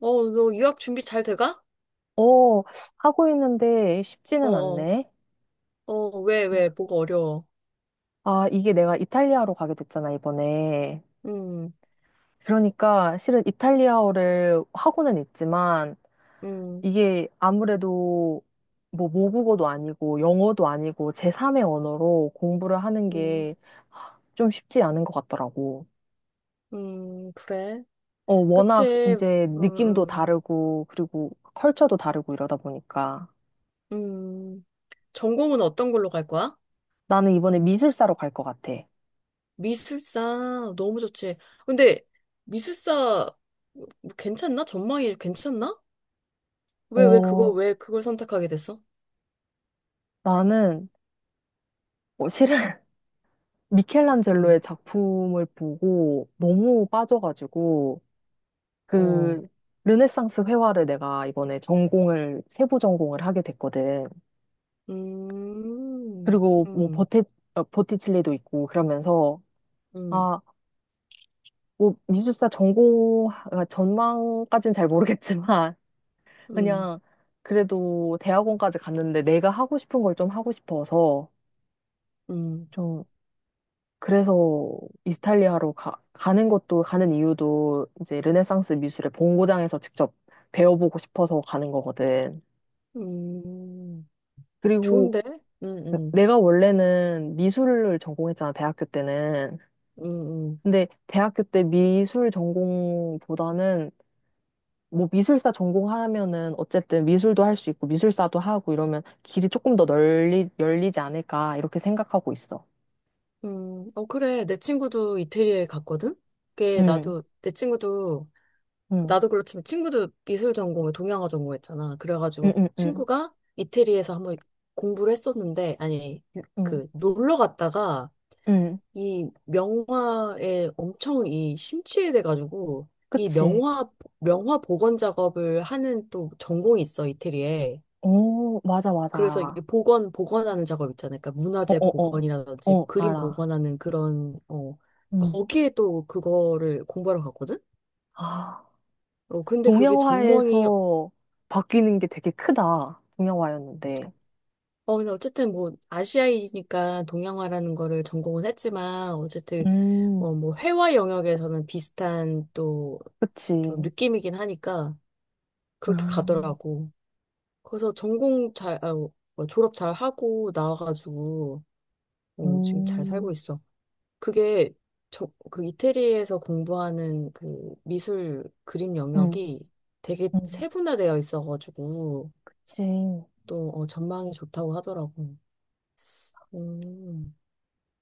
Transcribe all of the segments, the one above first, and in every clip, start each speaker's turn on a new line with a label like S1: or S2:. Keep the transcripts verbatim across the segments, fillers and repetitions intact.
S1: 어, 너 유학 준비 잘 돼가?
S2: 어, 하고 있는데
S1: 어,
S2: 쉽지는
S1: 어,
S2: 않네.
S1: 어, 왜, 왜, 뭐가 어려워.
S2: 아, 이게 내가 이탈리아로 가게 됐잖아, 이번에.
S1: 음,
S2: 그러니까 실은 이탈리아어를 하고는 있지만
S1: 음,
S2: 이게 아무래도 뭐 모국어도 아니고 영어도 아니고 제삼의 언어로 공부를 하는
S1: 음,
S2: 게 좀 쉽지 않은 것 같더라고.
S1: 음, 그래.
S2: 어, 워낙
S1: 그치,
S2: 이제
S1: 음,
S2: 느낌도
S1: 음,
S2: 다르고 그리고 컬처도 다르고 이러다 보니까
S1: 음. 전공은 어떤 걸로 갈 거야?
S2: 나는 이번에 미술사로 갈 것 같아.
S1: 미술사, 너무 좋지. 근데, 미술사, 뭐 괜찮나? 전망이 괜찮나? 왜, 왜 그거,
S2: 어,
S1: 왜 그걸 선택하게 됐어?
S2: 나는 어, 실은
S1: 음,
S2: 미켈란젤로의 작품을 보고 너무 빠져가지고
S1: 어,
S2: 그 르네상스 회화를 내가 이번에 전공을 세부 전공을 하게 됐거든.
S1: 음,
S2: 그리고 뭐
S1: 음,
S2: 버티 어, 버티칠리도 있고 그러면서
S1: 음,
S2: 아, 뭐 미술사 전공 아, 전망까진 잘 모르겠지만
S1: 음,
S2: 그냥 그래도 대학원까지 갔는데 내가 하고 싶은 걸 좀 하고 싶어서
S1: 음,
S2: 좀 그래서 이스탈리아로 가, 가는 것도 가는 이유도 이제 르네상스 미술의 본고장에서 직접 배워보고 싶어서 가는 거거든.
S1: 음.
S2: 그리고
S1: 좋은데? 응, 음
S2: 내가 원래는 미술을 전공했잖아, 대학교 때는.
S1: 음, 음,
S2: 근데 대학교 때 미술 전공보다는 뭐 미술사 전공하면은 어쨌든 미술도 할 수 있고 미술사도 하고 이러면 길이 조금 더 널리 열리지 않을까 이렇게 생각하고 있어.
S1: 음. 어, 그래. 내 친구도 이태리에 갔거든? 그게
S2: 응,
S1: 나도, 내 친구도,
S2: 응,
S1: 나도 그렇지만 친구도 미술 전공을 동양화 전공했잖아.
S2: 응,
S1: 그래가지고
S2: 응, 응,
S1: 친구가 이태리에서 한번 공부를 했었는데, 아니,
S2: 응,
S1: 그, 놀러 갔다가
S2: 응.
S1: 이 명화에 엄청 이 심취해 돼가지고, 이
S2: 그치.
S1: 명화, 명화 복원 작업을 하는 또 전공이 있어, 이태리에.
S2: 오, 맞아, 맞아,
S1: 그래서 이게
S2: 알아.
S1: 복원, 복원하는 작업 있잖아요. 그러니까
S2: 어,
S1: 문화재
S2: 어, 어,
S1: 복원이라든지
S2: 어,
S1: 그림
S2: 알아.
S1: 복원하는 그런, 어,
S2: 음.
S1: 거기에 또 그거를 공부하러 갔거든?
S2: 아,
S1: 어, 근데 그게 전공이,
S2: 동양화에서 바뀌는 게 되게 크다. 동양화였는데.
S1: 어, 근데 어쨌든 뭐, 아시아이니까 동양화라는 거를 전공은 했지만, 어쨌든,
S2: 음,
S1: 어, 뭐, 회화 영역에서는 비슷한 또 좀
S2: 그치.
S1: 느낌이긴 하니까, 그렇게
S2: 음,
S1: 가더라고. 그래서 전공 잘, 아, 뭐 졸업 잘 하고 나와가지고, 어, 지금 잘 살고
S2: 음,
S1: 있어. 그게 저, 그 이태리에서 공부하는 그 미술 그림
S2: 음,
S1: 영역이 되게
S2: 음,
S1: 세분화되어 있어가지고
S2: 그치.
S1: 또 어, 전망이 좋다고 하더라고. 음,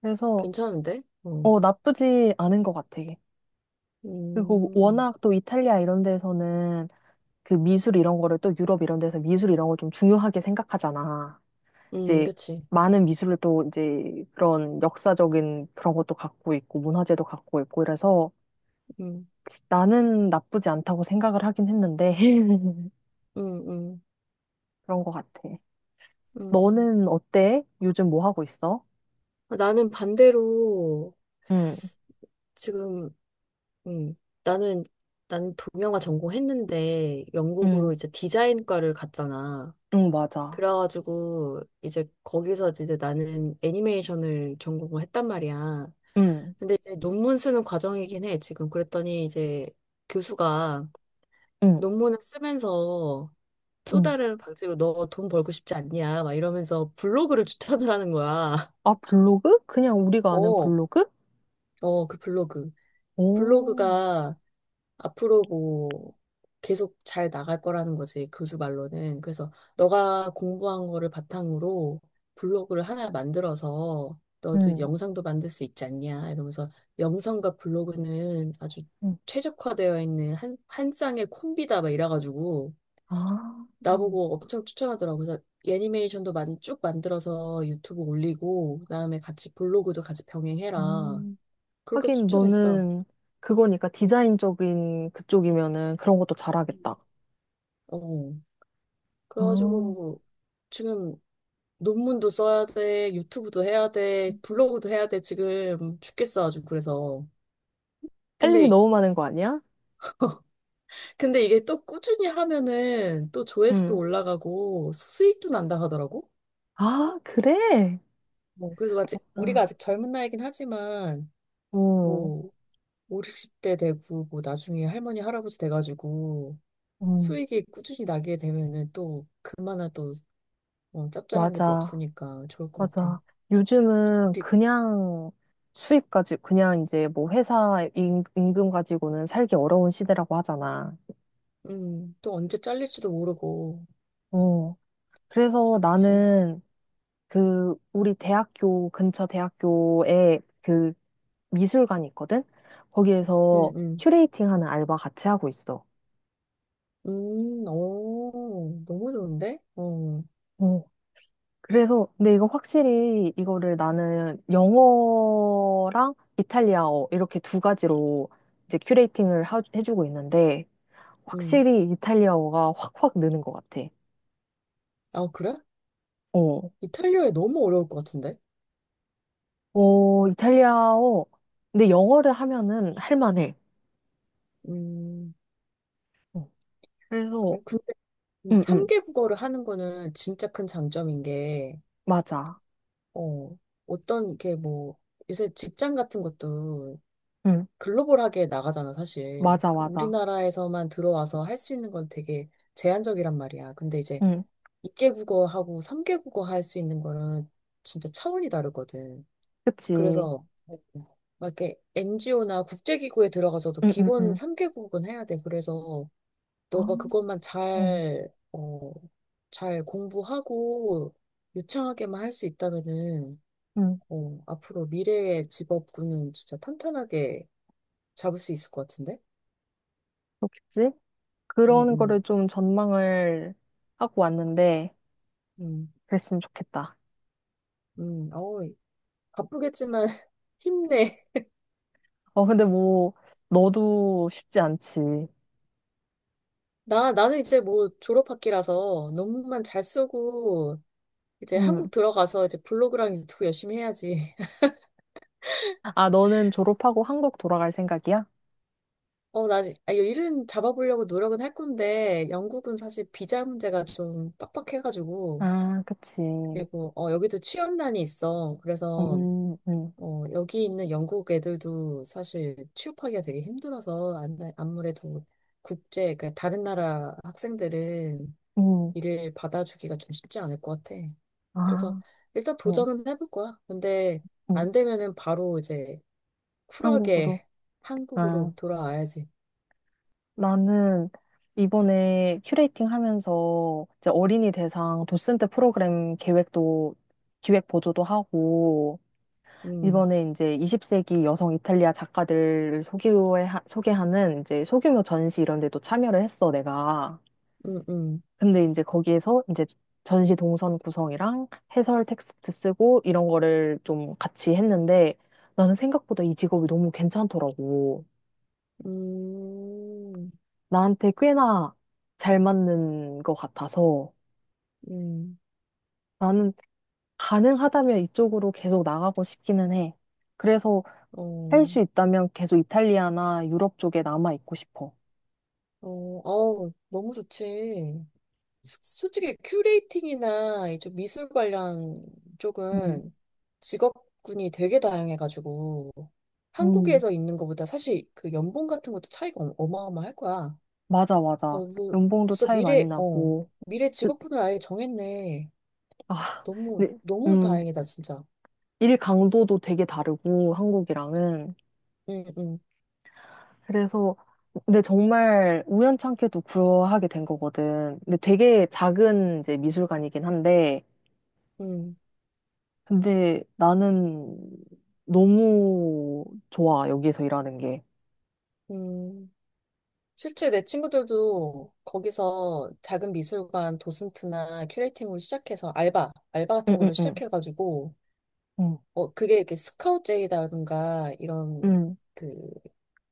S2: 그래서,
S1: 괜찮은데? 어.
S2: 어, 나쁘지 않은 것 같아. 그리고
S1: 음,
S2: 워낙 또 이탈리아 이런 데서는 그 미술 이런 거를 또 유럽 이런 데서 미술 이런 걸 좀 중요하게 생각하잖아.
S1: 음,
S2: 이제
S1: 그치.
S2: 많은 미술을 또 이제 그런 역사적인 그런 것도 갖고 있고 문화재도 갖고 있고 이래서
S1: 음,
S2: 나는 나쁘지 않다고 생각을 하긴 했는데
S1: 음, 음,
S2: 그런 것 같아.
S1: 음.
S2: 너는 어때? 요즘 뭐 하고 있어?
S1: 아, 나는 반대로
S2: 응,
S1: 지금, 음, 나는, 나는 동영화 전공했는데
S2: 응,
S1: 영국으로 이제 디자인과를 갔잖아.
S2: 응, 맞아.
S1: 그래가지고 이제 거기서 이제 나는 애니메이션을 전공을 했단 말이야.
S2: 응,
S1: 근데 이제 논문 쓰는 과정이긴 해, 지금. 그랬더니 이제 교수가
S2: 응,
S1: 논문을 쓰면서 또
S2: 응.
S1: 다른 방식으로 너 돈 벌고 싶지 않냐, 막 이러면서 블로그를 추천을 하는 거야.
S2: 아, 블로그? 그냥 우리가 아는
S1: 어,
S2: 블로그?
S1: 어, 그 블로그.
S2: 오,
S1: 블로그가 앞으로 뭐 계속 잘 나갈 거라는 거지, 교수 말로는. 그래서 너가 공부한 거를 바탕으로 블로그를 하나 만들어서 너도
S2: 응,
S1: 영상도 만들 수 있지 않냐 이러면서 영상과 블로그는 아주
S2: 응.
S1: 최적화되어 있는 한, 한 쌍의 콤비다 막 이래가지고
S2: 아,
S1: 나보고 엄청 추천하더라고. 그래서 애니메이션도 만, 쭉 만들어서 유튜브 올리고 그다음에 같이 블로그도 같이 병행해라.
S2: 음.
S1: 그렇게
S2: 하긴
S1: 추천했어.
S2: 너는 그거니까 디자인적인 그쪽이면은 그런 것도 잘하겠다.
S1: 어.
S2: 어,
S1: 그래가지고 지금 논문도 써야 돼, 유튜브도 해야 돼, 블로그도 해야 돼. 지금 죽겠어 아주 그래서.
S2: 할 일이
S1: 근데
S2: 너무 많은 거 아니야?
S1: 근데 이게 또 꾸준히 하면은 또 조회수도
S2: 응,
S1: 올라가고 수익도 난다 하더라고.
S2: 아, 그래?
S1: 뭐 그래서 아직 우리가
S2: 아,
S1: 아직 젊은 나이긴 하지만
S2: 어,
S1: 뭐 오십, 육십 대 되고 뭐 나중에 할머니 할아버지 돼가지고
S2: 음,
S1: 수익이 꾸준히 나게 되면은 또 그만한 또 어, 짭짤한 게 또
S2: 맞아,
S1: 없으니까 좋을 것 같아.
S2: 맞아. 요즘은
S1: 우리
S2: 그냥 수입 가지고, 그냥 이제 뭐 회사 임- 임금 가지고는 살기 어려운 시대라고 하잖아.
S1: 음, 또 언제 잘릴지도 모르고.
S2: 어, 그래서
S1: 그치.
S2: 나는 그 우리 대학교 근처 대학교에 그 미술관이 있거든?
S1: 응,
S2: 거기에서
S1: 응.
S2: 큐레이팅 하는 알바 같이 하고 있어.
S1: 음, 오, 너무 좋은데? 어,
S2: 그래서, 근데 이거 확실히 이거를 나는 영어랑 이탈리아어 이렇게 두 가지로 이제 큐레이팅을 하- 해주고 있는데,
S1: 음.
S2: 확실히 이탈리아어가 확확 느는 것 같아.
S1: 아, 그래?
S2: 어,
S1: 이탈리아에 너무 어려울 것 같은데?
S2: 어, 이탈리아어. 근데 영어를 하면은 할만해.
S1: 음,
S2: 어, 그래서,
S1: 그래? 근데
S2: 응, 응,
S1: 세 개 국어를 하는 거는 진짜 큰 장점인 게,
S2: 맞아.
S1: 어, 어떤 게 뭐, 요새 직장 같은 것도
S2: 응,
S1: 글로벌하게 나가잖아, 사실.
S2: 맞아, 맞아.
S1: 우리나라에서만 들어와서 할 수 있는 건 되게 제한적이란 말이야. 근데 이제
S2: 응,
S1: 두 개 국어하고 세 개 국어 할 수 있는 거는 진짜 차원이 다르거든.
S2: 그치. 응,
S1: 그래서 막 이렇게 엔지오나 국제기구에 들어가서도
S2: 응,
S1: 기본
S2: 응.
S1: 삼 개국은 해야 돼. 그래서
S2: 아,
S1: 너가 그것만
S2: 어,
S1: 잘, 어, 잘 공부하고 유창하게만 할 수 있다면은,
S2: 응,
S1: 어, 앞으로 미래의 직업군은 진짜 탄탄하게 잡을 수 있을 것 같은데?
S2: 그렇겠지?
S1: 음,
S2: 그런 거를
S1: 음,
S2: 좀 전망을 하고 왔는데,
S1: 음,
S2: 그랬으면 좋겠다.
S1: 음, 어, 바쁘겠지만 힘내.
S2: 어, 근데 뭐, 너도 쉽지 않지.
S1: 나, 나는 이제 뭐 졸업학기라서 논문만 잘 쓰고 이제
S2: 음.
S1: 한국 들어가서 이제 블로그랑 유튜브 열심히 해야지.
S2: 아, 너는 졸업하고 한국 돌아갈 생각이야?
S1: 어, 난, 아, 이거 일은 잡아보려고 노력은 할 건데, 영국은 사실 비자 문제가 좀 빡빡해가지고,
S2: 아, 그치.
S1: 그리고, 어, 여기도 취업난이 있어. 그래서,
S2: 음, 음,
S1: 어, 여기 있는 영국 애들도 사실 취업하기가 되게 힘들어서, 안, 아무래도 국제, 그러니까 다른 나라 학생들은
S2: 음.
S1: 일을 받아주기가 좀 쉽지 않을 것 같아. 그래서,
S2: 아,
S1: 일단
S2: 음,
S1: 도전은 해볼 거야. 근데,
S2: 음.
S1: 안 되면은 바로 이제,
S2: 한국으로.
S1: 쿨하게
S2: 아,
S1: 한국으로 돌아와야지.
S2: 나는 이번에 큐레이팅 하면서 이제 어린이 대상 도슨트 프로그램 계획도, 기획 보조도 하고,
S1: 음,
S2: 이번에 이제 이십 세기 여성 이탈리아 작가들을 소개해, 소개하는 이제 소규모 전시 이런 데도 참여를 했어, 내가.
S1: 음, 음.
S2: 근데 이제 거기에서 이제 전시 동선 구성이랑 해설 텍스트 쓰고 이런 거를 좀 같이 했는데 나는 생각보다 이 직업이 너무 괜찮더라고.
S1: 음,
S2: 나한테 꽤나 잘 맞는 것 같아서
S1: 음,
S2: 나는 가능하다면 이쪽으로 계속 나가고 싶기는 해. 그래서 할
S1: 어,
S2: 수 있다면 계속 이탈리아나 유럽 쪽에 남아 있고 싶어.
S1: 어, 어, 너무 좋지. 소- 솔직히 큐레이팅이나 이좀 미술 관련
S2: 음.
S1: 쪽은 직업군이 되게 다양해가지고
S2: 음,
S1: 한국에서 있는 것보다 사실 그 연봉 같은 것도 차이가 어- 어마어마할 거야.
S2: 맞아, 맞아.
S1: 어, 뭐,
S2: 연봉도
S1: 벌써
S2: 차이 많이
S1: 미래, 어,
S2: 나고,
S1: 미래
S2: 그-
S1: 직업군을 아예 정했네.
S2: 아,
S1: 너무,
S2: 네,
S1: 너무
S2: 음,
S1: 다행이다, 진짜.
S2: 일 강도도 되게 다르고, 한국이랑은.
S1: 응, 응,
S2: 그래서, 근데 정말 우연찮게도 구하게 된 거거든. 근데 되게 작은 이제 미술관이긴 한데,
S1: 응,
S2: 근데 나는 너무 좋아, 여기서 일하는 게.
S1: 응. 실제 내 친구들도 거기서 작은 미술관 도슨트나 큐레이팅으로 시작해서 알바, 알바
S2: 응,
S1: 같은
S2: 응,
S1: 걸로
S2: 응.
S1: 시작해가지고,
S2: 응,
S1: 어, 그게 이렇게 스카우트제이라든가 이런
S2: 응.
S1: 그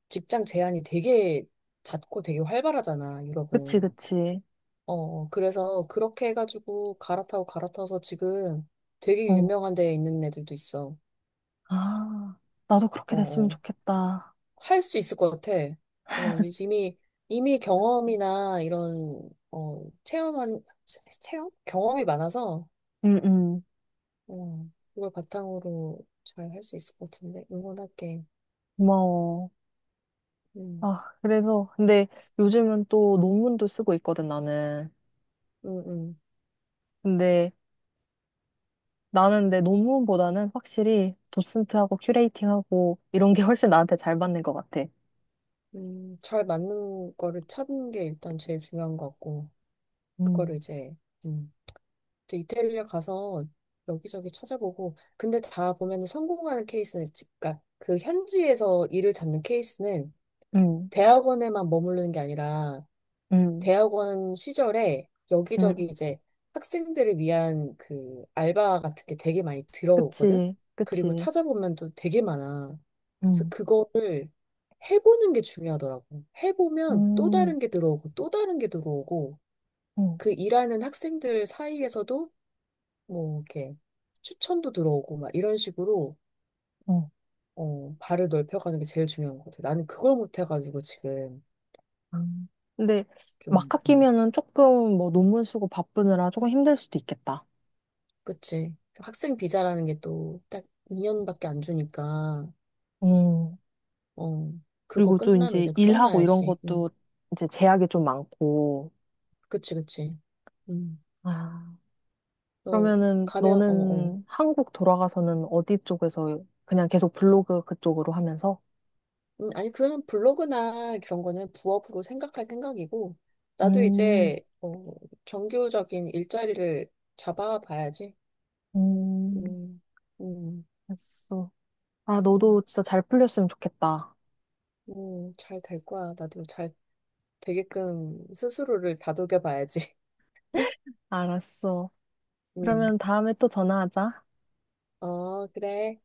S1: 직장 제한이 되게 잦고 되게 활발하잖아,
S2: 그치,
S1: 유럽은.
S2: 그치.
S1: 어, 어, 그래서 그렇게 해가지고 갈아타고 갈아타서 지금 되게
S2: 어.
S1: 유명한 데에 있는 애들도 있어.
S2: 아, 나도 그렇게
S1: 어,
S2: 됐으면
S1: 어.
S2: 좋겠다.
S1: 할 수 있을 것 같아. 어, 이미, 이미 경험이나 이런, 어, 체험한, 체- 체험? 경험이 많아서,
S2: 응, 응.
S1: 어, 그걸 바탕으로 잘 할 수 있을 것 같은데, 응원할게.
S2: 고마워.
S1: 음,
S2: 아, 그래서, 근데 요즘은 또 논문도 쓰고 있거든, 나는.
S1: 음, 음,
S2: 근데 나는 내 논문보다는 확실히 도슨트하고 큐레이팅하고 이런 게 훨씬 나한테 잘 맞는 것 같아.
S1: 음, 잘 맞는 거를 찾는 게 일단 제일 중요한 것 같고, 그거를
S2: 음,
S1: 이제, 음, 또 이태리에 가서 여기저기 찾아보고, 근데 다 보면 성공하는 케이스는, 그니까 그 현지에서 일을 잡는 케이스는
S2: 음,
S1: 대학원에만 머무르는 게 아니라,
S2: 음,
S1: 대학원 시절에
S2: 음.
S1: 여기저기 이제 학생들을 위한 그 알바 같은 게 되게 많이 들어오거든?
S2: 그치,
S1: 그리고
S2: 그치.
S1: 찾아보면 또 되게 많아. 그래서
S2: 음,
S1: 그거를 해보는 게 중요하더라고. 해보면 또
S2: 음,
S1: 다른 게 들어오고 또 다른 게 들어오고
S2: 음,
S1: 그 일하는 학생들 사이에서도 뭐 이렇게 추천도 들어오고 막 이런 식으로
S2: 음.
S1: 어, 발을 넓혀가는 게 제일 중요한 것 같아. 나는 그걸 못해가지고 지금
S2: 음. 근데 막
S1: 좀, 음,
S2: 학기면은 조금 뭐 논문 쓰고 바쁘느라 조금 힘들 수도 있겠다.
S1: 그치. 학생 비자라는 게 또 딱 이 년밖에 안 주니까,
S2: 음.
S1: 어, 그거
S2: 그리고 또
S1: 끝나면
S2: 이제
S1: 이제 그
S2: 일하고 이런
S1: 떠나야지. 응.
S2: 것도 이제 제약이 좀 많고.
S1: 그치, 그치. 응.
S2: 아.
S1: 너
S2: 그러면은
S1: 가면, 어, 어.
S2: 너는 한국 돌아가서는 어디 쪽에서 그냥 계속 블로그 그쪽으로 하면서?
S1: 음, 아니, 그거는 블로그나 그런 거는 부업으로 생각할 생각이고, 나도
S2: 음,
S1: 이제, 어, 정규적인 일자리를 잡아봐야지.
S2: 음,
S1: 음, 음,
S2: 알았어. 아, 너도
S1: 음,
S2: 진짜 잘 풀렸으면 좋겠다.
S1: 음, 잘 될 거야. 나도 잘 되게끔 스스로를 다독여봐야지.
S2: 알았어.
S1: 음,
S2: 그러면 다음에 또 전화하자.
S1: 어, 그래.